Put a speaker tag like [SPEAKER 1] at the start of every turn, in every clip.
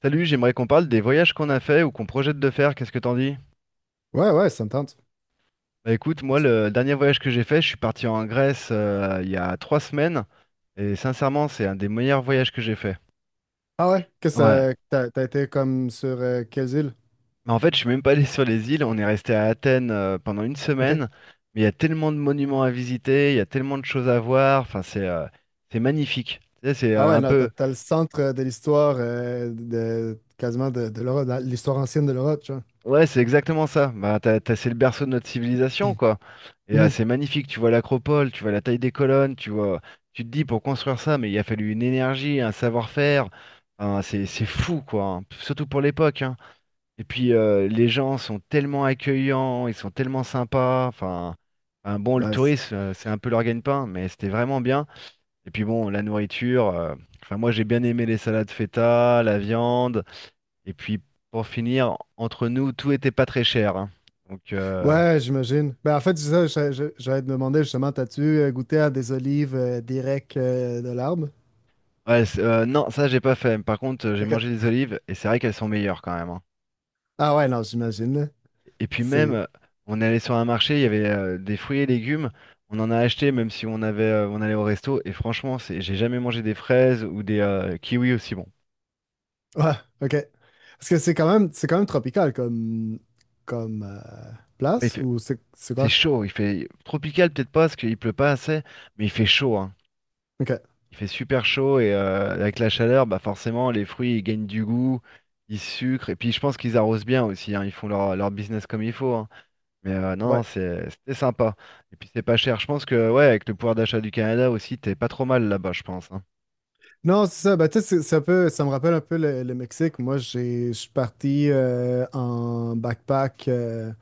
[SPEAKER 1] Salut, j'aimerais qu'on parle des voyages qu'on a fait ou qu'on projette de faire. Qu'est-ce que t'en dis?
[SPEAKER 2] Ouais, ouais, ça me tente.
[SPEAKER 1] Bah écoute, moi, le dernier voyage que j'ai fait, je suis parti en Grèce il y a 3 semaines. Et sincèrement, c'est un des meilleurs voyages que j'ai fait.
[SPEAKER 2] Ah ouais, Qu'est-ce
[SPEAKER 1] Ouais.
[SPEAKER 2] que ça, t'as été comme sur quelles îles?
[SPEAKER 1] Mais en fait, je suis même pas allé sur les îles. On est resté à Athènes pendant une
[SPEAKER 2] OK.
[SPEAKER 1] semaine. Mais il y a tellement de monuments à visiter, il y a tellement de choses à voir. Enfin, c'est magnifique. Tu sais, c'est
[SPEAKER 2] Ah ouais,
[SPEAKER 1] un
[SPEAKER 2] non, t'as,
[SPEAKER 1] peu.
[SPEAKER 2] t'as le centre de l'histoire de quasiment de l'Europe, dans l'histoire ancienne de l'Europe, tu vois.
[SPEAKER 1] Ouais, c'est exactement ça. Bah, c'est le berceau de notre civilisation, quoi. Et
[SPEAKER 2] Mhm.
[SPEAKER 1] c'est magnifique. Tu vois l'acropole, tu vois la taille des colonnes, tu vois. Tu te dis pour construire ça, mais il a fallu une énergie, un savoir-faire. Enfin, c'est fou, quoi, hein. Surtout pour l'époque, hein. Et puis les gens sont tellement accueillants, ils sont tellement sympas. Enfin, un bon, le
[SPEAKER 2] Nice.
[SPEAKER 1] tourisme, c'est un peu leur gagne-pain, mais c'était vraiment bien. Et puis bon, la nourriture. Enfin, moi, j'ai bien aimé les salades feta, la viande. Et puis pour finir, entre nous, tout était pas très cher, hein. Donc
[SPEAKER 2] Ouais, j'imagine. Ben, en fait, c'est ça, j'allais te demander justement, t'as-tu goûté à des olives directes de l'arbre?
[SPEAKER 1] ouais, non, ça j'ai pas fait. Par contre, j'ai
[SPEAKER 2] OK.
[SPEAKER 1] mangé des olives et c'est vrai qu'elles sont meilleures quand même, hein.
[SPEAKER 2] Ah ouais, non, j'imagine. Là.
[SPEAKER 1] Et puis
[SPEAKER 2] C'est.
[SPEAKER 1] même, on est allé sur un marché, il y avait des fruits et légumes. On en a acheté même si on allait au resto. Et franchement, j'ai jamais mangé des fraises ou des kiwis aussi bon.
[SPEAKER 2] Ouais, OK. Parce que c'est quand même tropical comme
[SPEAKER 1] Ouais,
[SPEAKER 2] place ou c'est
[SPEAKER 1] c'est
[SPEAKER 2] quoi?
[SPEAKER 1] chaud, il fait tropical peut-être pas parce qu'il pleut pas assez, mais il fait chaud, hein.
[SPEAKER 2] OK.
[SPEAKER 1] Il fait super chaud et avec la chaleur, bah forcément, les fruits, ils gagnent du goût, ils sucrent. Et puis, je pense qu'ils arrosent bien aussi, hein. Ils font leur business comme il faut, hein. Mais non,
[SPEAKER 2] Ouais.
[SPEAKER 1] c'était sympa. Et puis, c'est pas cher. Je pense que, ouais, avec le pouvoir d'achat du Canada aussi, t'es pas trop mal là-bas, je pense, hein.
[SPEAKER 2] Non, c'est ça. Ben, tu sais, ça peut, ça me rappelle un peu le Mexique. Moi, je suis parti en backpack. euh,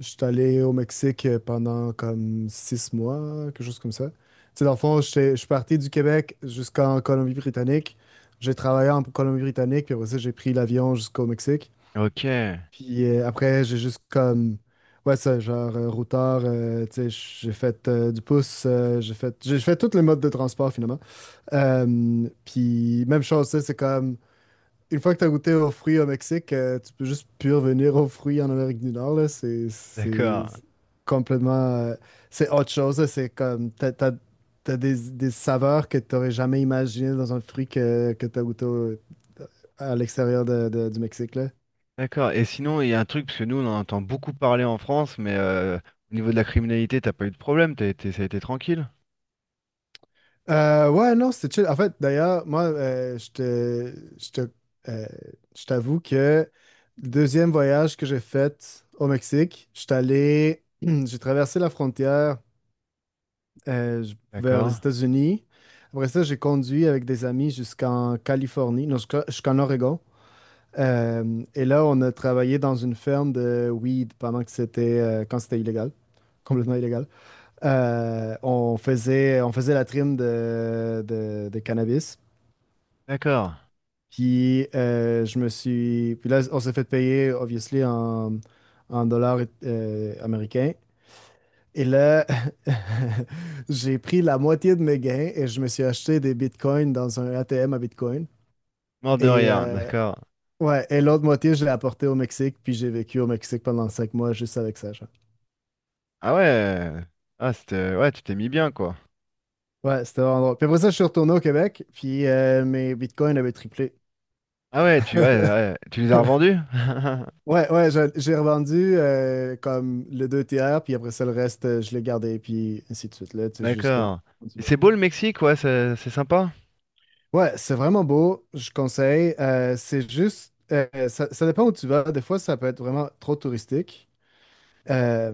[SPEAKER 2] je suis allé au Mexique pendant comme 6 mois, quelque chose comme ça. Tu sais, dans le fond, je suis parti du Québec jusqu'en Colombie-Britannique. J'ai travaillé en Colombie-Britannique, puis après ça, j'ai pris l'avion jusqu'au Mexique.
[SPEAKER 1] OK,
[SPEAKER 2] Puis après, j'ai juste comme. Ouais, ça, genre, routard, tu sais, j'ai fait du pouce, j'ai fait tous les modes de transport finalement. Puis même chose, c'est comme une fois que tu as goûté aux fruits au Mexique, tu peux juste plus revenir aux fruits en Amérique du Nord. Là. C'est
[SPEAKER 1] d'accord.
[SPEAKER 2] complètement. C'est autre chose. Là. C'est comme. T'as des saveurs que tu n'aurais jamais imaginées dans un fruit que tu as goûté à l'extérieur du Mexique. Là.
[SPEAKER 1] D'accord. Et sinon, il y a un truc, parce que nous, on en entend beaucoup parler en France, mais au niveau de la criminalité, t'as pas eu de problème. Ça a été tranquille.
[SPEAKER 2] Ouais, non, c'était chill. En fait, d'ailleurs, moi, euh, je t'avoue que le deuxième voyage que j'ai fait au Mexique, je suis allé, j'ai traversé la frontière vers les
[SPEAKER 1] D'accord.
[SPEAKER 2] États-Unis. Après ça, j'ai conduit avec des amis jusqu'en Californie, non, jusqu'en Oregon. Et là, on a travaillé dans une ferme de weed pendant que quand c'était illégal, complètement illégal. On faisait la trim de cannabis.
[SPEAKER 1] D'accord.
[SPEAKER 2] Puis je me suis. Puis là, on s'est fait payer, obviously, en dollars américains. Et là, j'ai pris la moitié de mes gains et je me suis acheté des bitcoins dans un ATM à bitcoin.
[SPEAKER 1] Mort de
[SPEAKER 2] Et,
[SPEAKER 1] rire. D'accord.
[SPEAKER 2] ouais, et l'autre moitié, je l'ai apporté au Mexique. Puis j'ai vécu au Mexique pendant 5 mois juste avec ça. Genre.
[SPEAKER 1] Ah ouais. Ah, c'était. Ouais, tu t'es mis bien, quoi.
[SPEAKER 2] Ouais, c'était vraiment drôle. Puis après ça, je suis retourné au Québec. Puis mes bitcoins avaient triplé.
[SPEAKER 1] Ah ouais, ouais, ouais. Tu les as revendus?
[SPEAKER 2] Ouais, ouais, j'ai revendu comme le deux tiers, puis après ça, le reste, je l'ai gardé, puis ainsi de suite. Là, tu sais, juste comme
[SPEAKER 1] D'accord. Et c'est
[SPEAKER 2] continuer.
[SPEAKER 1] beau le Mexique, ouais, c'est sympa?
[SPEAKER 2] Ouais, c'est vraiment beau, je conseille. C'est juste, ça dépend où tu vas. Des fois, ça peut être vraiment trop touristique. Euh,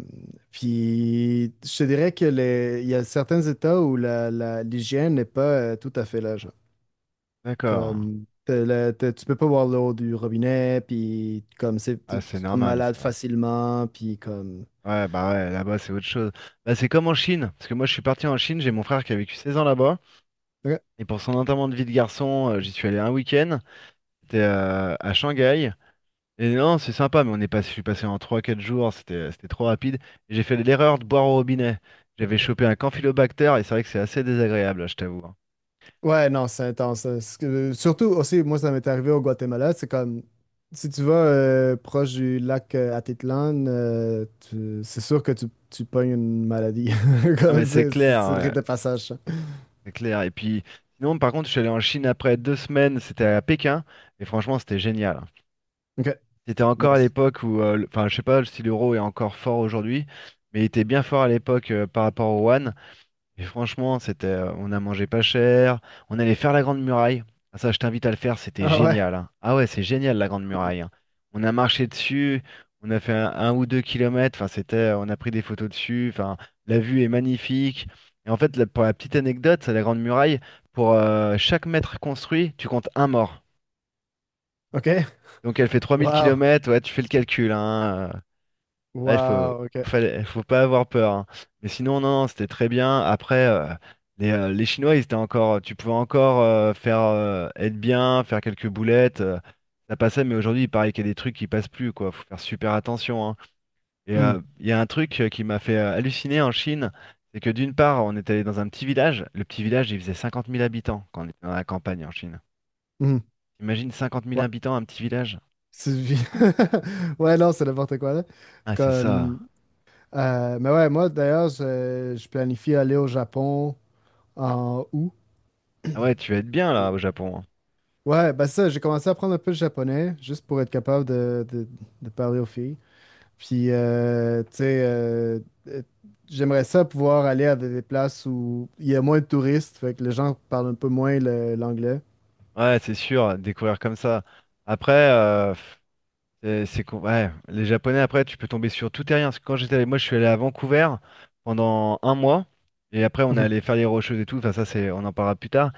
[SPEAKER 2] puis, je te dirais que il y a certains États où l'hygiène n'est pas tout à fait là, genre.
[SPEAKER 1] D'accord.
[SPEAKER 2] Comme, tu peux pas boire l'eau du robinet, puis comme, c'est,
[SPEAKER 1] Ah,
[SPEAKER 2] tu
[SPEAKER 1] c'est
[SPEAKER 2] tu tombes
[SPEAKER 1] normal,
[SPEAKER 2] malade
[SPEAKER 1] ça.
[SPEAKER 2] facilement, puis comme.
[SPEAKER 1] Ouais, bah ouais, là-bas, c'est autre chose. Bah, c'est comme en Chine, parce que moi, je suis parti en Chine, j'ai mon frère qui a vécu 16 ans là-bas, et pour son enterrement de vie de garçon, j'y suis allé un week-end, c'était à Shanghai. Et non, c'est sympa, mais on est pas, je suis passé en trois quatre jours, c'était trop rapide. Et j'ai fait l'erreur de boire au robinet. J'avais chopé un campylobacter et c'est vrai que c'est assez désagréable, hein, je t'avoue, hein.
[SPEAKER 2] Ouais, non, c'est intense. Hein. Surtout aussi, moi, ça m'est arrivé au Guatemala. C'est comme, si tu vas proche du lac Atitlan, c'est sûr que tu pognes une maladie.
[SPEAKER 1] Ah
[SPEAKER 2] Comme
[SPEAKER 1] mais c'est clair,
[SPEAKER 2] C'est le
[SPEAKER 1] ouais,
[SPEAKER 2] rite de passage. Ça.
[SPEAKER 1] c'est clair. Et puis, sinon, par contre, je suis allé en Chine après 2 semaines, c'était à Pékin, et franchement, c'était génial, hein.
[SPEAKER 2] OK.
[SPEAKER 1] C'était encore à
[SPEAKER 2] Nice.
[SPEAKER 1] l'époque où, enfin, je sais pas si l'euro est encore fort aujourd'hui, mais il était bien fort à l'époque par rapport au yuan. Et franchement, on a mangé pas cher, on allait faire la Grande Muraille. Ah, ça, je t'invite à le faire, c'était
[SPEAKER 2] Ah ouais.
[SPEAKER 1] génial, hein. Ah ouais, c'est génial la Grande Muraille, hein. On a marché dessus, on a fait un ou deux kilomètres. Enfin, on a pris des photos dessus. Enfin, la vue est magnifique. Et en fait, pour la petite anecdote, c'est la Grande Muraille. Pour chaque mètre construit, tu comptes un mort.
[SPEAKER 2] OK.
[SPEAKER 1] Donc elle fait trois mille
[SPEAKER 2] Wow.
[SPEAKER 1] kilomètres. Ouais, tu fais le calcul, hein. Ah,
[SPEAKER 2] Wow. OK.
[SPEAKER 1] faut pas avoir peur, hein. Mais sinon, non, non, c'était très bien. Après, les Chinois, ils étaient encore, tu pouvais encore faire être bien, faire quelques boulettes. Ça passait, mais aujourd'hui, il paraît qu'il y a des trucs qui passent plus, quoi. Faut faire super attention, hein. Et
[SPEAKER 2] Hmm.
[SPEAKER 1] il y a un truc qui m'a fait halluciner en Chine, c'est que d'une part, on est allé dans un petit village. Le petit village, il faisait 50 000 habitants quand on était dans la campagne en Chine.
[SPEAKER 2] Hmm.
[SPEAKER 1] Imagine 50 000
[SPEAKER 2] Ouais.
[SPEAKER 1] habitants, un petit village.
[SPEAKER 2] C'est- Ouais, non, c'est n'importe quoi, là.
[SPEAKER 1] Ah, c'est
[SPEAKER 2] Comme,
[SPEAKER 1] ça.
[SPEAKER 2] mais ouais, moi, d'ailleurs, je planifie aller au Japon en août.
[SPEAKER 1] Ah ouais, tu vas être bien là au Japon, hein.
[SPEAKER 2] Ouais, bah ça, j'ai commencé à apprendre un peu le japonais, juste pour être capable de parler aux filles. Puis, tu sais, euh, j'aimerais ça pouvoir aller à des places où il y a moins de touristes, fait que les gens parlent un peu moins l'anglais.
[SPEAKER 1] Ouais, c'est sûr, découvrir comme ça. Après, ouais, les Japonais, après, tu peux tomber sur tout et rien. Parce que quand j'étais allé, moi, je suis allé à Vancouver pendant un mois. Et après, on est allé faire les Rocheuses et tout. Enfin, ça, c'est, on en parlera plus tard.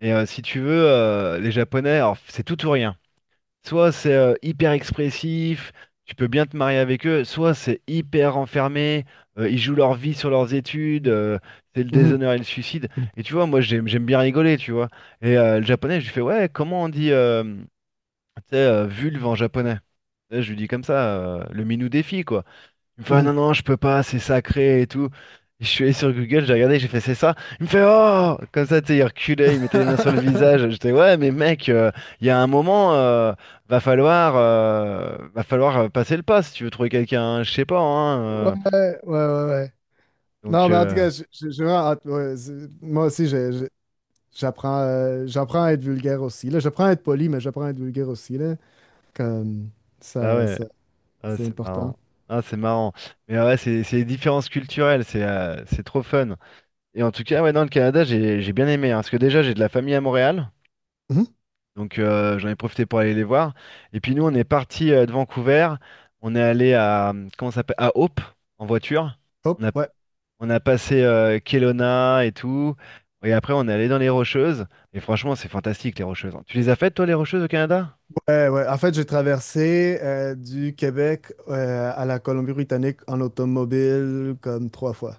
[SPEAKER 1] Et si tu veux, les Japonais, alors, c'est tout ou rien. Soit c'est hyper expressif, tu peux bien te marier avec eux, soit c'est hyper enfermé, ils jouent leur vie sur leurs études, c'est le
[SPEAKER 2] Mhm,
[SPEAKER 1] déshonneur et le suicide.
[SPEAKER 2] mhm,
[SPEAKER 1] Et tu vois, moi j'aime bien rigoler, tu vois. Et le japonais, je lui fais, ouais, comment on dit tu sais, vulve en japonais? Et je lui dis comme ça, le minou défi, quoi. Il me fait, ah
[SPEAKER 2] mhm.
[SPEAKER 1] non, non, je peux pas, c'est sacré et tout. Je suis allé sur Google, j'ai regardé, j'ai fait, c'est ça. Il me fait, oh! Comme ça, tu sais, il reculait, il mettait les mains sur le visage. J'étais, ouais, mais mec, il y a un moment, va falloir passer le pas si tu veux trouver quelqu'un, hein, je sais pas, hein.
[SPEAKER 2] Ouais,
[SPEAKER 1] euh.
[SPEAKER 2] ouais, ouais, ouais. Non,
[SPEAKER 1] Donc,
[SPEAKER 2] mais en tout cas, j'ai vraiment hâte. Ouais, moi aussi, j'apprends à être vulgaire aussi, là. J'apprends à être poli, mais j'apprends à être vulgaire aussi, là. Comme
[SPEAKER 1] bah
[SPEAKER 2] ça,
[SPEAKER 1] ouais,
[SPEAKER 2] ça,
[SPEAKER 1] ah,
[SPEAKER 2] c'est
[SPEAKER 1] c'est
[SPEAKER 2] important.
[SPEAKER 1] marrant. Ah, c'est marrant. Mais ouais, c'est les différences culturelles, c'est trop fun. Et en tout cas, ouais, dans le Canada, j'ai bien aimé, hein, parce que déjà, j'ai de la famille à Montréal. Donc j'en ai profité pour aller les voir. Et puis nous, on est parti de Vancouver. On est allé à, comment ça s'appelle, à Hope en voiture. On
[SPEAKER 2] Hop,
[SPEAKER 1] a,
[SPEAKER 2] ouais.
[SPEAKER 1] on a passé Kelowna et tout. Et après, on est allé dans les Rocheuses. Et franchement, c'est fantastique les Rocheuses, hein. Tu les as faites, toi, les Rocheuses au Canada?
[SPEAKER 2] Ouais, ouais. En fait, j'ai traversé du Québec à la Colombie-Britannique en automobile comme trois fois.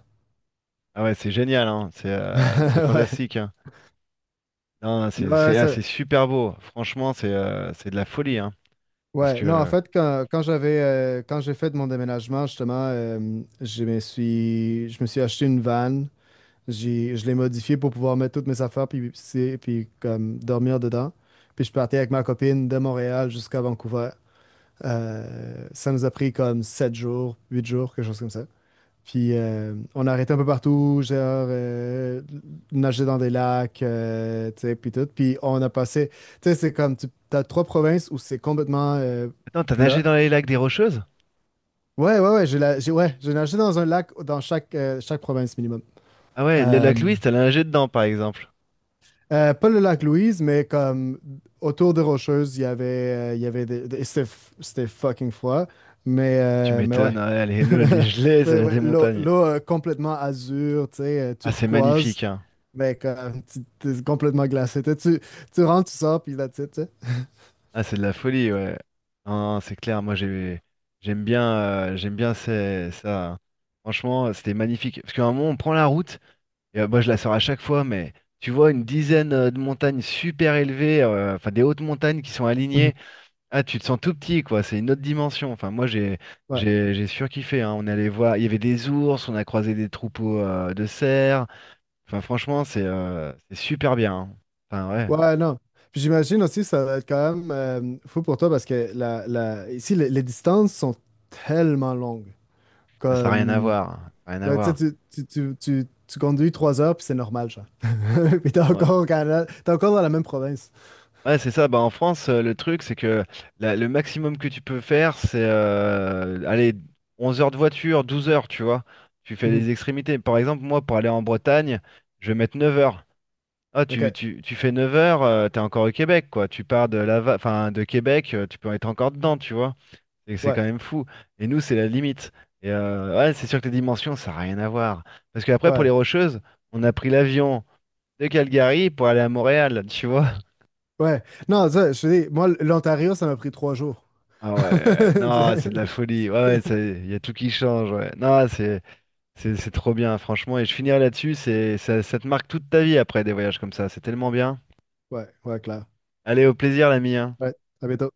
[SPEAKER 1] Ah ouais, c'est génial, hein. C'est
[SPEAKER 2] Ouais.
[SPEAKER 1] fantastique, hein. Non,
[SPEAKER 2] Ouais,
[SPEAKER 1] ah, c'est super beau. Franchement, c'est de la folie, hein. Parce
[SPEAKER 2] ouais. Non, en
[SPEAKER 1] que.
[SPEAKER 2] fait, quand j'ai fait mon déménagement, justement, je me suis acheté une van. Je l'ai modifiée pour pouvoir mettre toutes mes affaires puis, puis comme dormir dedans. Puis je partais avec ma copine de Montréal jusqu'à Vancouver. Ça nous a pris comme 7 jours, 8 jours, quelque chose comme ça. Puis on arrêtait un peu partout, genre euh, nager dans des lacs, tu sais, puis tout. Puis on a passé, tu sais, c'est comme, tu as trois provinces où c'est complètement
[SPEAKER 1] Attends, t'as nagé
[SPEAKER 2] plat.
[SPEAKER 1] dans les lacs des Rocheuses?
[SPEAKER 2] Ouais, ouais, ouais, ouais, j'ai nagé dans un lac dans chaque province minimum.
[SPEAKER 1] Ah ouais, le
[SPEAKER 2] Euh,
[SPEAKER 1] lac Louise, t'as nagé dedans, par exemple.
[SPEAKER 2] pas le lac Louise, mais comme autour de Rocheuses, il y avait des, c'était fucking froid,
[SPEAKER 1] Tu
[SPEAKER 2] mais ouais.
[SPEAKER 1] m'étonnes, ouais, les gelées, ça
[SPEAKER 2] Mais
[SPEAKER 1] vient
[SPEAKER 2] ouais,
[SPEAKER 1] des montagnes.
[SPEAKER 2] complètement azur, tu sais,
[SPEAKER 1] Ah, c'est
[SPEAKER 2] turquoise.
[SPEAKER 1] magnifique, hein.
[SPEAKER 2] Mais comme, t'es complètement glacé. Tu rentres, tu sors, puis là, tu sais.
[SPEAKER 1] Ah, c'est de la folie, ouais. Non, non, c'est clair, moi j'aime bien ça, hein. Franchement, c'était magnifique. Parce qu'à un moment, on prend la route, et moi je la sors à chaque fois, mais tu vois une dizaine de montagnes super élevées, enfin des hautes montagnes qui sont
[SPEAKER 2] Mhm.
[SPEAKER 1] alignées. Ah, tu te sens tout petit, quoi. C'est une autre dimension. Enfin, moi j'ai,
[SPEAKER 2] Ouais.
[SPEAKER 1] j'ai, j'ai surkiffé, hein. On allait voir, il y avait des ours, on a croisé des troupeaux de cerfs. Enfin, franchement, c'est super bien, hein. Enfin, ouais,
[SPEAKER 2] Ouais, non. Puis j'imagine aussi, ça va être quand même fou pour toi parce que ici, les distances sont tellement longues.
[SPEAKER 1] ça n'a rien à
[SPEAKER 2] Comme,
[SPEAKER 1] voir, hein. Ça n'a rien à
[SPEAKER 2] là, tu sais,
[SPEAKER 1] voir.
[SPEAKER 2] tu conduis 3 heures, puis c'est normal, genre. Puis t'es
[SPEAKER 1] Ouais,
[SPEAKER 2] encore au Canada, t'es encore dans la même province.
[SPEAKER 1] ouais, c'est ça. Bah, en France, le truc, c'est que le maximum que tu peux faire, c'est allez, 11 heures de voiture, 12 heures, tu vois. Tu fais
[SPEAKER 2] Mhm.
[SPEAKER 1] les extrémités. Par exemple, moi, pour aller en Bretagne, je vais mettre 9 heures. Ah, tu,
[SPEAKER 2] OK.
[SPEAKER 1] tu, tu fais 9 heures, t'es encore au Québec, quoi. Tu pars de enfin, de Québec, tu peux être encore dedans, tu vois. C'est
[SPEAKER 2] Ouais,
[SPEAKER 1] quand même fou. Et nous, c'est la limite. Et ouais, c'est sûr que les dimensions, ça n'a rien à voir. Parce qu'après, pour
[SPEAKER 2] ouais,
[SPEAKER 1] les Rocheuses, on a pris l'avion de Calgary pour aller à Montréal, tu vois.
[SPEAKER 2] ouais. Non, ça, je te dis, moi, l'Ontario, ça m'a pris 3 jours.
[SPEAKER 1] Ah ouais, non, c'est de la folie. Ouais,
[SPEAKER 2] Tu sais.
[SPEAKER 1] ouais, il y a tout qui change. Ouais. Non, c'est trop bien, franchement. Et je finirai là-dessus, c'est ça, ça te marque toute ta vie après des voyages comme ça. C'est tellement bien.
[SPEAKER 2] Ouais, ouais, clair.
[SPEAKER 1] Allez, au plaisir, l'ami, hein.
[SPEAKER 2] Ouais, à bientôt.